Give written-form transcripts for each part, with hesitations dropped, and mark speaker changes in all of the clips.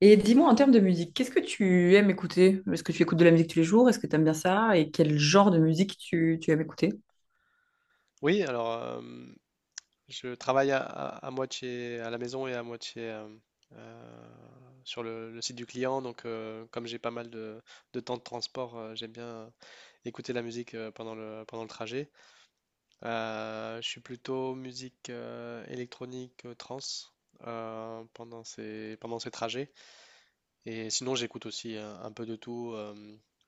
Speaker 1: Et dis-moi en termes de musique, qu'est-ce que tu aimes écouter? Est-ce que tu écoutes de la musique tous les jours? Est-ce que tu aimes bien ça? Et quel genre de musique tu aimes écouter?
Speaker 2: Oui, alors euh, je travaille à moitié à la maison et à moitié euh, sur le site du client. Donc, comme j'ai pas mal de temps de transport, j'aime bien écouter la musique pendant pendant le trajet. Je suis plutôt musique électronique trance pendant pendant ces trajets. Et sinon, j'écoute aussi un peu de tout,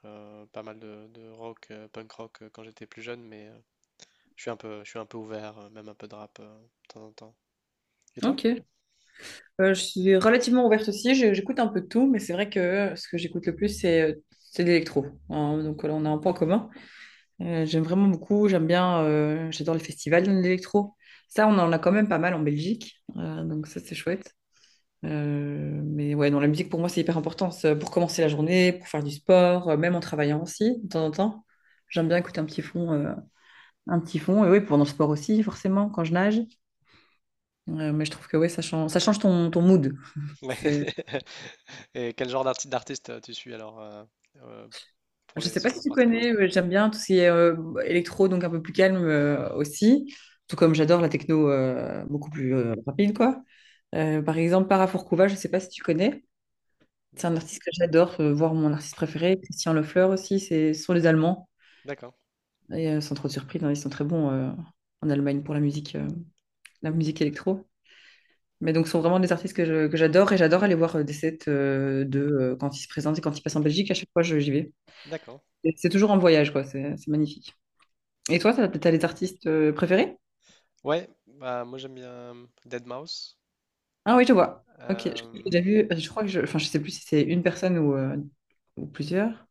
Speaker 2: pas mal de rock, punk rock quand j'étais plus jeune. Je suis un peu ouvert, même un peu de rap de temps en temps. Et toi?
Speaker 1: Ok. Je suis relativement ouverte aussi. Je- j'écoute un peu de tout, mais c'est vrai que ce que j'écoute le plus, c'est de l'électro. Hein, donc là, on a un point commun. J'aime vraiment beaucoup, j'aime bien, j'adore les festivals d'électro. Ça, on en a quand même pas mal en Belgique. Donc ça, c'est chouette. Mais ouais, non, la musique pour moi c'est hyper important. C'est pour commencer la journée, pour faire du sport, même en travaillant aussi de temps en temps. J'aime bien écouter un petit fond, un petit fond. Et oui, pendant le sport aussi forcément quand je nage. Mais je trouve que ouais, ça change ton, ton mood.
Speaker 2: Ouais.
Speaker 1: C'est,
Speaker 2: Et quel genre d'artiste tu suis alors euh, pour
Speaker 1: je
Speaker 2: les
Speaker 1: sais pas
Speaker 2: sur
Speaker 1: si
Speaker 2: la
Speaker 1: tu
Speaker 2: partie rap.
Speaker 1: connais, mais j'aime bien tout ce qui est électro, donc un peu plus calme aussi. Tout comme j'adore la techno beaucoup plus rapide quoi. Par exemple, Parafourcouva, je sais pas si tu connais. C'est un
Speaker 2: Non.
Speaker 1: artiste que j'adore, voir mon artiste préféré, Christian Lefleur aussi, c'est, ce sont les Allemands.
Speaker 2: D'accord.
Speaker 1: Et sans trop de surprise, hein, ils sont très bons en Allemagne pour la musique électro. Mais donc, ce sont vraiment des artistes que que j'adore, et j'adore aller voir des sets de quand ils se présentent et quand ils passent en Belgique. À chaque fois, j'y vais.
Speaker 2: D'accord.
Speaker 1: Et c'est toujours en voyage, quoi. C'est magnifique. Et toi, t'as les artistes préférés?
Speaker 2: Ouais. Bah moi j'aime bien Deadmau5.
Speaker 1: Ah oui, je vois. Ok. J'ai déjà
Speaker 2: Euh,
Speaker 1: vu, je crois que enfin, je sais plus si c'est une personne ou plusieurs.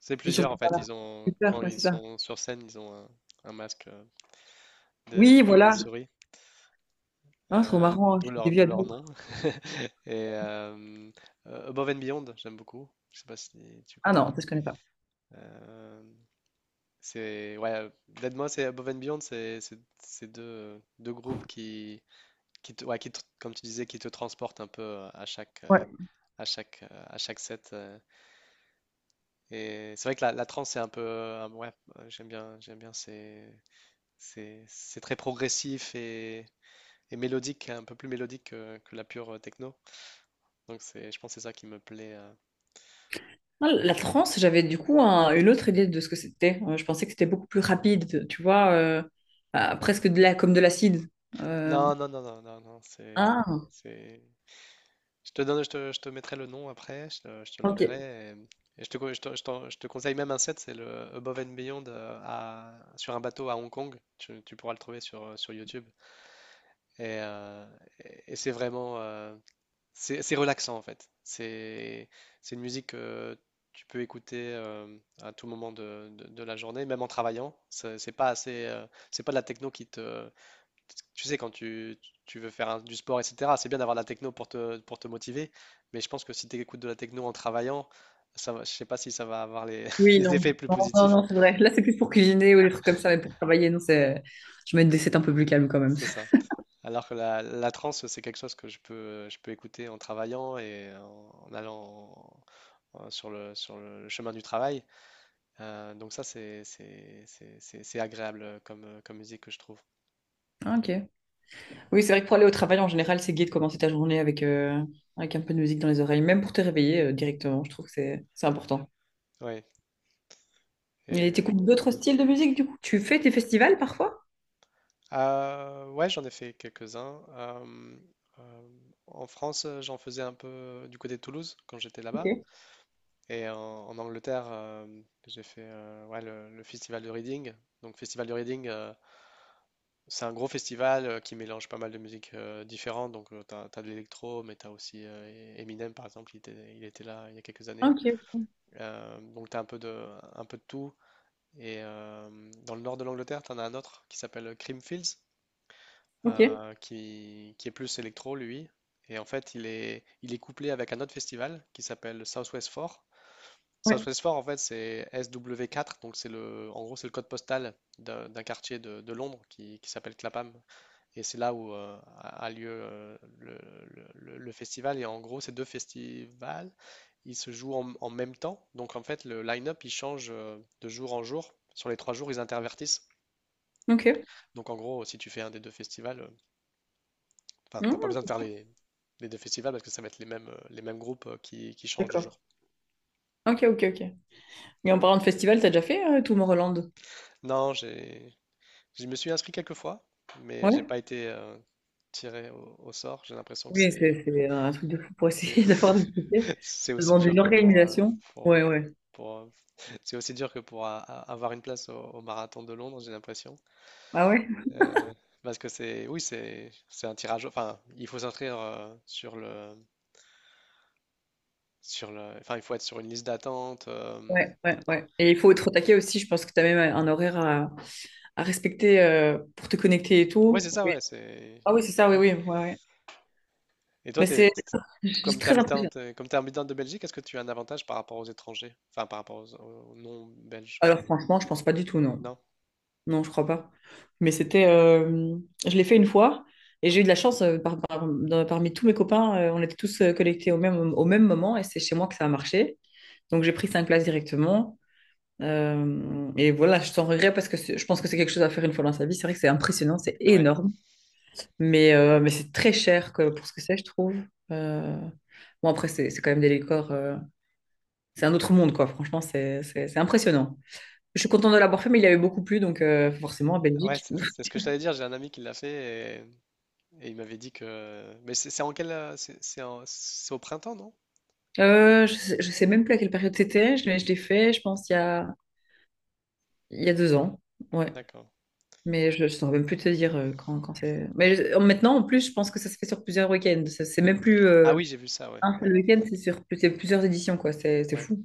Speaker 2: c'est
Speaker 1: Ils sont.
Speaker 2: plusieurs en fait. Ils ont
Speaker 1: Super,
Speaker 2: quand
Speaker 1: ouais,
Speaker 2: ils
Speaker 1: c'est ça.
Speaker 2: sont sur scène, un masque de,
Speaker 1: Oui,
Speaker 2: de- de
Speaker 1: voilà.
Speaker 2: souris,
Speaker 1: Ah, trop marrant, je les ai vus
Speaker 2: d'où
Speaker 1: à
Speaker 2: leur nom.
Speaker 1: d'autres.
Speaker 2: Et Above and Beyond, j'aime beaucoup. Je sais pas si tu
Speaker 1: Ah
Speaker 2: connais.
Speaker 1: non, ça je connais pas.
Speaker 2: Euh, C'est ouais, Dead Mouse et Above and Beyond, c'est deux groupes qui te, ouais, comme tu disais, qui te transportent un peu à chaque
Speaker 1: Ouais.
Speaker 2: à chaque à chaque set. Et c'est vrai que la trance c'est un peu j'aime bien c'est très progressif et mélodique, un peu plus mélodique que la pure techno. Donc c'est je pense que c'est ça qui me plaît.
Speaker 1: Ah, la trance, j'avais du coup une autre idée de ce que c'était. Je pensais que c'était beaucoup plus rapide, tu vois, ah, presque de la, comme de l'acide. Euh,
Speaker 2: Non, c'est
Speaker 1: Ah,
Speaker 2: c'est. Je te mettrai le nom après, je te
Speaker 1: ok.
Speaker 2: l'enverrai. Et je te, je te conseille même un set, c'est le Above and Beyond sur un bateau à Hong Kong. Tu pourras le trouver sur, sur YouTube. Et, et c'est vraiment, c'est relaxant en fait. C'est une musique que tu peux écouter à tout moment de la journée, même en travaillant. C'est pas assez, c'est pas de la techno qui te, tu sais, quand tu veux du sport, etc., c'est bien d'avoir de la techno pour te motiver, mais je pense que si tu écoutes de la techno en travaillant, je sais pas si ça va avoir les,
Speaker 1: Oui,
Speaker 2: les effets
Speaker 1: non.
Speaker 2: plus
Speaker 1: Non, non,
Speaker 2: positifs.
Speaker 1: non, c'est vrai. Là, c'est plus pour cuisiner ou des trucs comme ça, mais pour travailler, non, c'est... Je mets des sets un peu plus calmes quand même.
Speaker 2: C'est ça. Alors que la trance, c'est quelque chose que je peux écouter en travaillant et en, sur sur le chemin du travail. Donc ça, c'est agréable comme musique que je trouve.
Speaker 1: Ah, ok. Oui, c'est vrai que pour aller au travail, en général, c'est gai de commencer ta journée avec, avec un peu de musique dans les oreilles, même pour te réveiller directement. Je trouve que c'est important.
Speaker 2: Oui.
Speaker 1: Et
Speaker 2: Et,
Speaker 1: t'écoutes d'autres styles de musique, du coup? Tu fais tes festivals parfois?
Speaker 2: Ouais, j'en ai fait quelques-uns. Euh, en France, j'en faisais un peu du côté de Toulouse quand j'étais là-bas.
Speaker 1: Ok.
Speaker 2: Et en Angleterre, j'ai fait ouais, le festival de Reading. Donc, festival de Reading, c'est un gros festival qui mélange pas mal de musiques différentes. Donc, t'as de l'électro, mais t'as aussi Eminem, par exemple, il était là il y a quelques années.
Speaker 1: Ok.
Speaker 2: Donc, t'as un peu un peu de tout. Et dans le nord de l'Angleterre, t'en as un autre qui s'appelle Creamfields.
Speaker 1: Ok.
Speaker 2: Qui est plus électro, lui. Et en fait, il est couplé avec un autre festival qui s'appelle Southwest 4.
Speaker 1: Ouais.
Speaker 2: Southwest Four en fait, c'est SW4, donc c'est le, en gros, c'est le code postal d'un quartier de Londres qui s'appelle Clapham. Et c'est là où a lieu le festival. Et en gros, ces deux festivals, ils se jouent en, en même temps. Donc, en fait, le line-up, il change de jour en jour. Sur les trois jours, ils intervertissent.
Speaker 1: Ok.
Speaker 2: Donc, en gros, si tu fais un des deux festivals, enfin, t'as pas
Speaker 1: Mmh.
Speaker 2: besoin de faire les deux festivals parce que ça va être les mêmes groupes qui changent de
Speaker 1: D'accord.
Speaker 2: jour.
Speaker 1: Ok, ok, ok. Et en parlant de festival, t'as déjà fait Tomorrowland?
Speaker 2: Non, j'ai, je me suis inscrit quelques fois, mais j'ai
Speaker 1: Ouais.
Speaker 2: pas été tiré au sort. J'ai l'impression que
Speaker 1: Oui, c'est c'est un truc de fou pour
Speaker 2: c'est,
Speaker 1: essayer d'avoir des tickets.
Speaker 2: c'est
Speaker 1: Ça
Speaker 2: aussi
Speaker 1: demande
Speaker 2: dur
Speaker 1: une
Speaker 2: que
Speaker 1: organisation.
Speaker 2: pour, euh,
Speaker 1: Ouais, ouais.
Speaker 2: pour, euh, c'est aussi dur que pour avoir une place au marathon de Londres, j'ai l'impression.
Speaker 1: Ah ouais?
Speaker 2: Euh, parce que oui, c'est un tirage. Enfin, il faut s'inscrire sur sur le, enfin, il faut être sur une liste d'attente.
Speaker 1: Ouais, ouais, ouais. Et il faut être au taquet aussi, je pense que t'as même un horaire à respecter pour te connecter et
Speaker 2: Ouais,
Speaker 1: tout.
Speaker 2: c'est ça,
Speaker 1: Oui.
Speaker 2: ouais, c'est.
Speaker 1: Ah oui, c'est ça, oui, oui. Ouais, ouais.
Speaker 2: Et toi,
Speaker 1: Mais c'est c'est très impressionnant.
Speaker 2: comme t'es habitante de Belgique, est-ce que tu as un avantage par rapport aux étrangers? Enfin, par rapport aux, aux non-belges?
Speaker 1: Alors franchement, je pense pas du tout, non.
Speaker 2: Non?
Speaker 1: Non, je crois pas. Mais c'était. Je l'ai fait une fois et j'ai eu de la chance parmi tous mes copains. On était tous connectés au même moment et c'est chez moi que ça a marché. Donc j'ai pris 5 places directement. Et voilà, je t'en regrette parce que je pense que c'est quelque chose à faire une fois dans sa vie. C'est vrai que c'est impressionnant, c'est
Speaker 2: Ouais.
Speaker 1: énorme. Mais c'est très cher pour ce que c'est, je trouve. Euh, Bon, après, c'est quand même des décors. C'est un autre monde, quoi. Franchement, c'est impressionnant. Je suis contente de l'avoir fait, mais il y avait beaucoup plus, donc forcément, à
Speaker 2: Ouais,
Speaker 1: Belgique.
Speaker 2: c'est ce que je t'allais dire. J'ai un ami qui l'a fait et il m'avait dit que. Mais c'est en quel. C'est c'est au printemps, non?
Speaker 1: Je sais, je sais même plus à quelle période c'était, je l'ai fait, je pense, il y a 2 ans. Ouais.
Speaker 2: D'accord.
Speaker 1: Mais je ne saurais même plus te dire quand c'est. Mais maintenant, en plus, je pense que ça se fait sur plusieurs week-ends. C'est même plus
Speaker 2: Ah oui, j'ai vu ça, ouais.
Speaker 1: un
Speaker 2: Ouais.
Speaker 1: seul week-end, c'est sur c'est plusieurs éditions, quoi. C'est
Speaker 2: Ouais.
Speaker 1: fou.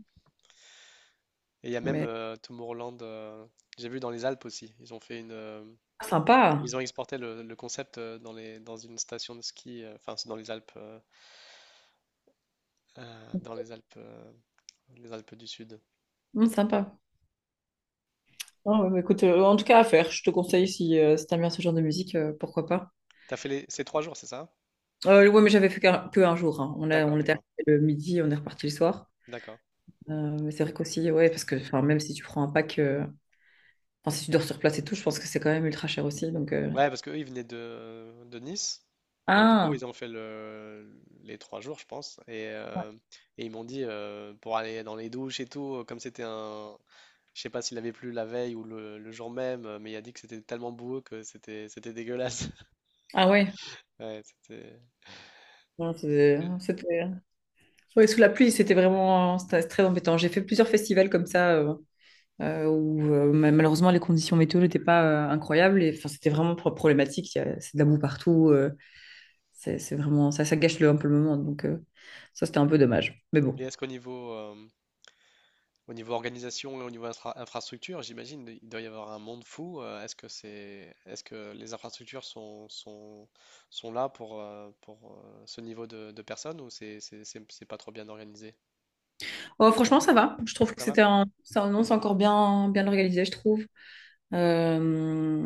Speaker 2: Et il y a même
Speaker 1: Mais
Speaker 2: Tomorrowland. J'ai vu dans les Alpes aussi. Ils ont fait une.
Speaker 1: ah, sympa.
Speaker 2: Ils ont exporté le concept dans une station de ski. Enfin, c'est dans les Alpes. Dans les Alpes. Les Alpes du Sud.
Speaker 1: Sympa. Ah ouais, mais écoute, en tout cas, à faire. Je te conseille si, si t'aimes bien ce genre de musique, pourquoi pas.
Speaker 2: T'as fait les... ces trois jours, c'est ça?
Speaker 1: Ouais, mais j'avais fait que un jour, hein.
Speaker 2: D'accord,
Speaker 1: On était arrivé
Speaker 2: d'accord,
Speaker 1: le midi, on est reparti le soir.
Speaker 2: d'accord.
Speaker 1: Euh, mais c'est vrai qu'aussi, ouais, parce que enfin, même si tu prends un pack. Enfin, si tu dors sur place et tout, je pense que c'est quand même ultra cher aussi. Donc,
Speaker 2: Ouais, parce qu'eux, ils venaient de Nice. Donc, du coup,
Speaker 1: ah,
Speaker 2: ils ont fait les trois jours, je pense. Et ils m'ont dit, pour aller dans les douches et tout, comme c'était un... Je sais pas s'il avait plu la veille ou le jour même, mais il a dit que c'était tellement boueux que c'était c'était dégueulasse.
Speaker 1: ah ouais.
Speaker 2: Ouais, c'était...
Speaker 1: Non, c'était ouais, sous la pluie, c'était vraiment c'était très embêtant. J'ai fait plusieurs festivals comme ça où malheureusement les conditions météo n'étaient pas incroyables et enfin c'était vraiment problématique. C'est de la boue partout. C'est vraiment ça, ça gâche le, un peu le moment. Donc ça c'était un peu dommage. Mais bon.
Speaker 2: Et est-ce qu'au niveau, au niveau organisation et au niveau infrastructure, j'imagine il doit y avoir un monde fou. Est-ce que c'est, est-ce que les infrastructures sont, sont là pour ce niveau de personnes ou c'est pas trop bien organisé?
Speaker 1: Oh, franchement ça va. Je trouve que
Speaker 2: Ça va?
Speaker 1: c'était un, ça, non, c'est encore bien bien organisé, je trouve. Euh,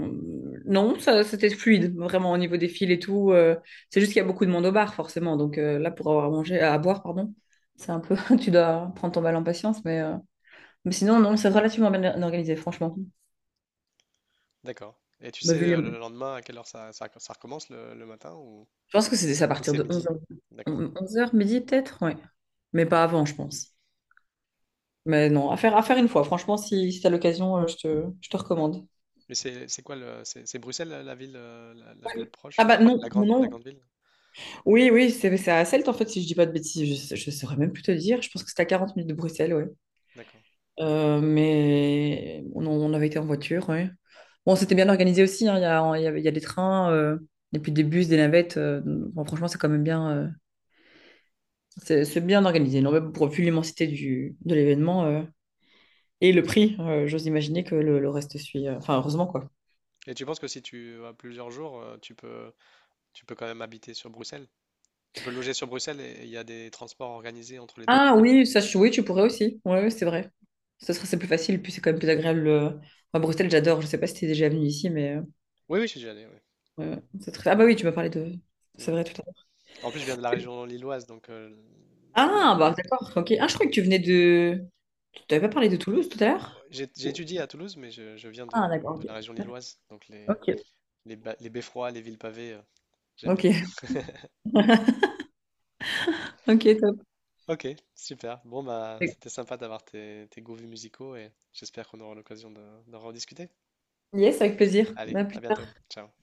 Speaker 1: non, ça, c'était fluide, vraiment au niveau des fils et tout. C'est juste qu'il y a beaucoup de monde au bar, forcément. Donc là, pour avoir à manger, à boire, pardon, c'est un peu, tu dois prendre ton mal en patience. Mais sinon, non, c'est relativement bien organisé, franchement.
Speaker 2: D'accord. Et tu
Speaker 1: Bah, vu
Speaker 2: sais le
Speaker 1: les-
Speaker 2: lendemain à quelle heure ça recommence le matin
Speaker 1: Je pense que c'était ça à
Speaker 2: ou
Speaker 1: partir
Speaker 2: c'est
Speaker 1: de onze
Speaker 2: midi?
Speaker 1: heures,
Speaker 2: D'accord.
Speaker 1: 11 heures midi peut-être, ouais. Mais pas avant, je pense. Mais non, à faire une fois. Franchement, si, si t'as l'occasion, je te recommande.
Speaker 2: Mais c'est quoi le, c'est Bruxelles la ville la plus
Speaker 1: Ouais.
Speaker 2: proche,
Speaker 1: Ah bah
Speaker 2: enfin
Speaker 1: non, non,
Speaker 2: la
Speaker 1: non,
Speaker 2: grande ville?
Speaker 1: Oui, oui, c'est à Celt en fait, si je dis pas de bêtises, je saurais même plus te dire. Je pense que c'était à 40 minutes de Bruxelles, ouais.
Speaker 2: D'accord.
Speaker 1: Mais on avait été en voiture, ouais. Bon, c'était bien organisé aussi, hein. Il y a des trains, et puis des bus, des navettes. Bon, franchement, c'est quand même bien, c'est bien organisé. Non, mais pour, vu l'immensité du, de l'événement et le prix, j'ose imaginer que le reste suit. Enfin, heureusement, quoi.
Speaker 2: Et tu penses que si tu as plusieurs jours, tu peux quand même habiter sur Bruxelles? Tu peux loger sur Bruxelles et il y a des transports organisés entre les deux?
Speaker 1: Ah oui, ça, oui, tu pourrais aussi. Ouais, ouais, c'est vrai. Ce serait c'est plus facile, puis c'est quand même plus agréable. Enfin, Bruxelles, j'adore. Je sais pas si t'es déjà venu ici, mais.
Speaker 2: Oui, oui, je suis déjà allé. Oui.
Speaker 1: Ah bah oui, tu m'as parlé de...
Speaker 2: Mm.
Speaker 1: C'est vrai, tout à l'heure.
Speaker 2: En plus, je viens de la région lilloise, donc euh,
Speaker 1: Ah bah d'accord, ok. Ah, je croyais que tu venais de... Tu t'avais pas parlé de Toulouse tout à l'heure?
Speaker 2: j'ai étudié à Toulouse, mais je viens
Speaker 1: Ah d'accord,
Speaker 2: de
Speaker 1: ok.
Speaker 2: la région lilloise, donc
Speaker 1: Ok.
Speaker 2: les beffrois, les villes pavées, j'aime bien.
Speaker 1: Ok, ok, top.
Speaker 2: Ok, super. Bon, bah, c'était sympa d'avoir tes, tes goûts musicaux et j'espère qu'on aura l'occasion d'en rediscuter.
Speaker 1: Yes, avec plaisir.
Speaker 2: Allez,
Speaker 1: À
Speaker 2: à
Speaker 1: plus tard.
Speaker 2: bientôt. Ciao.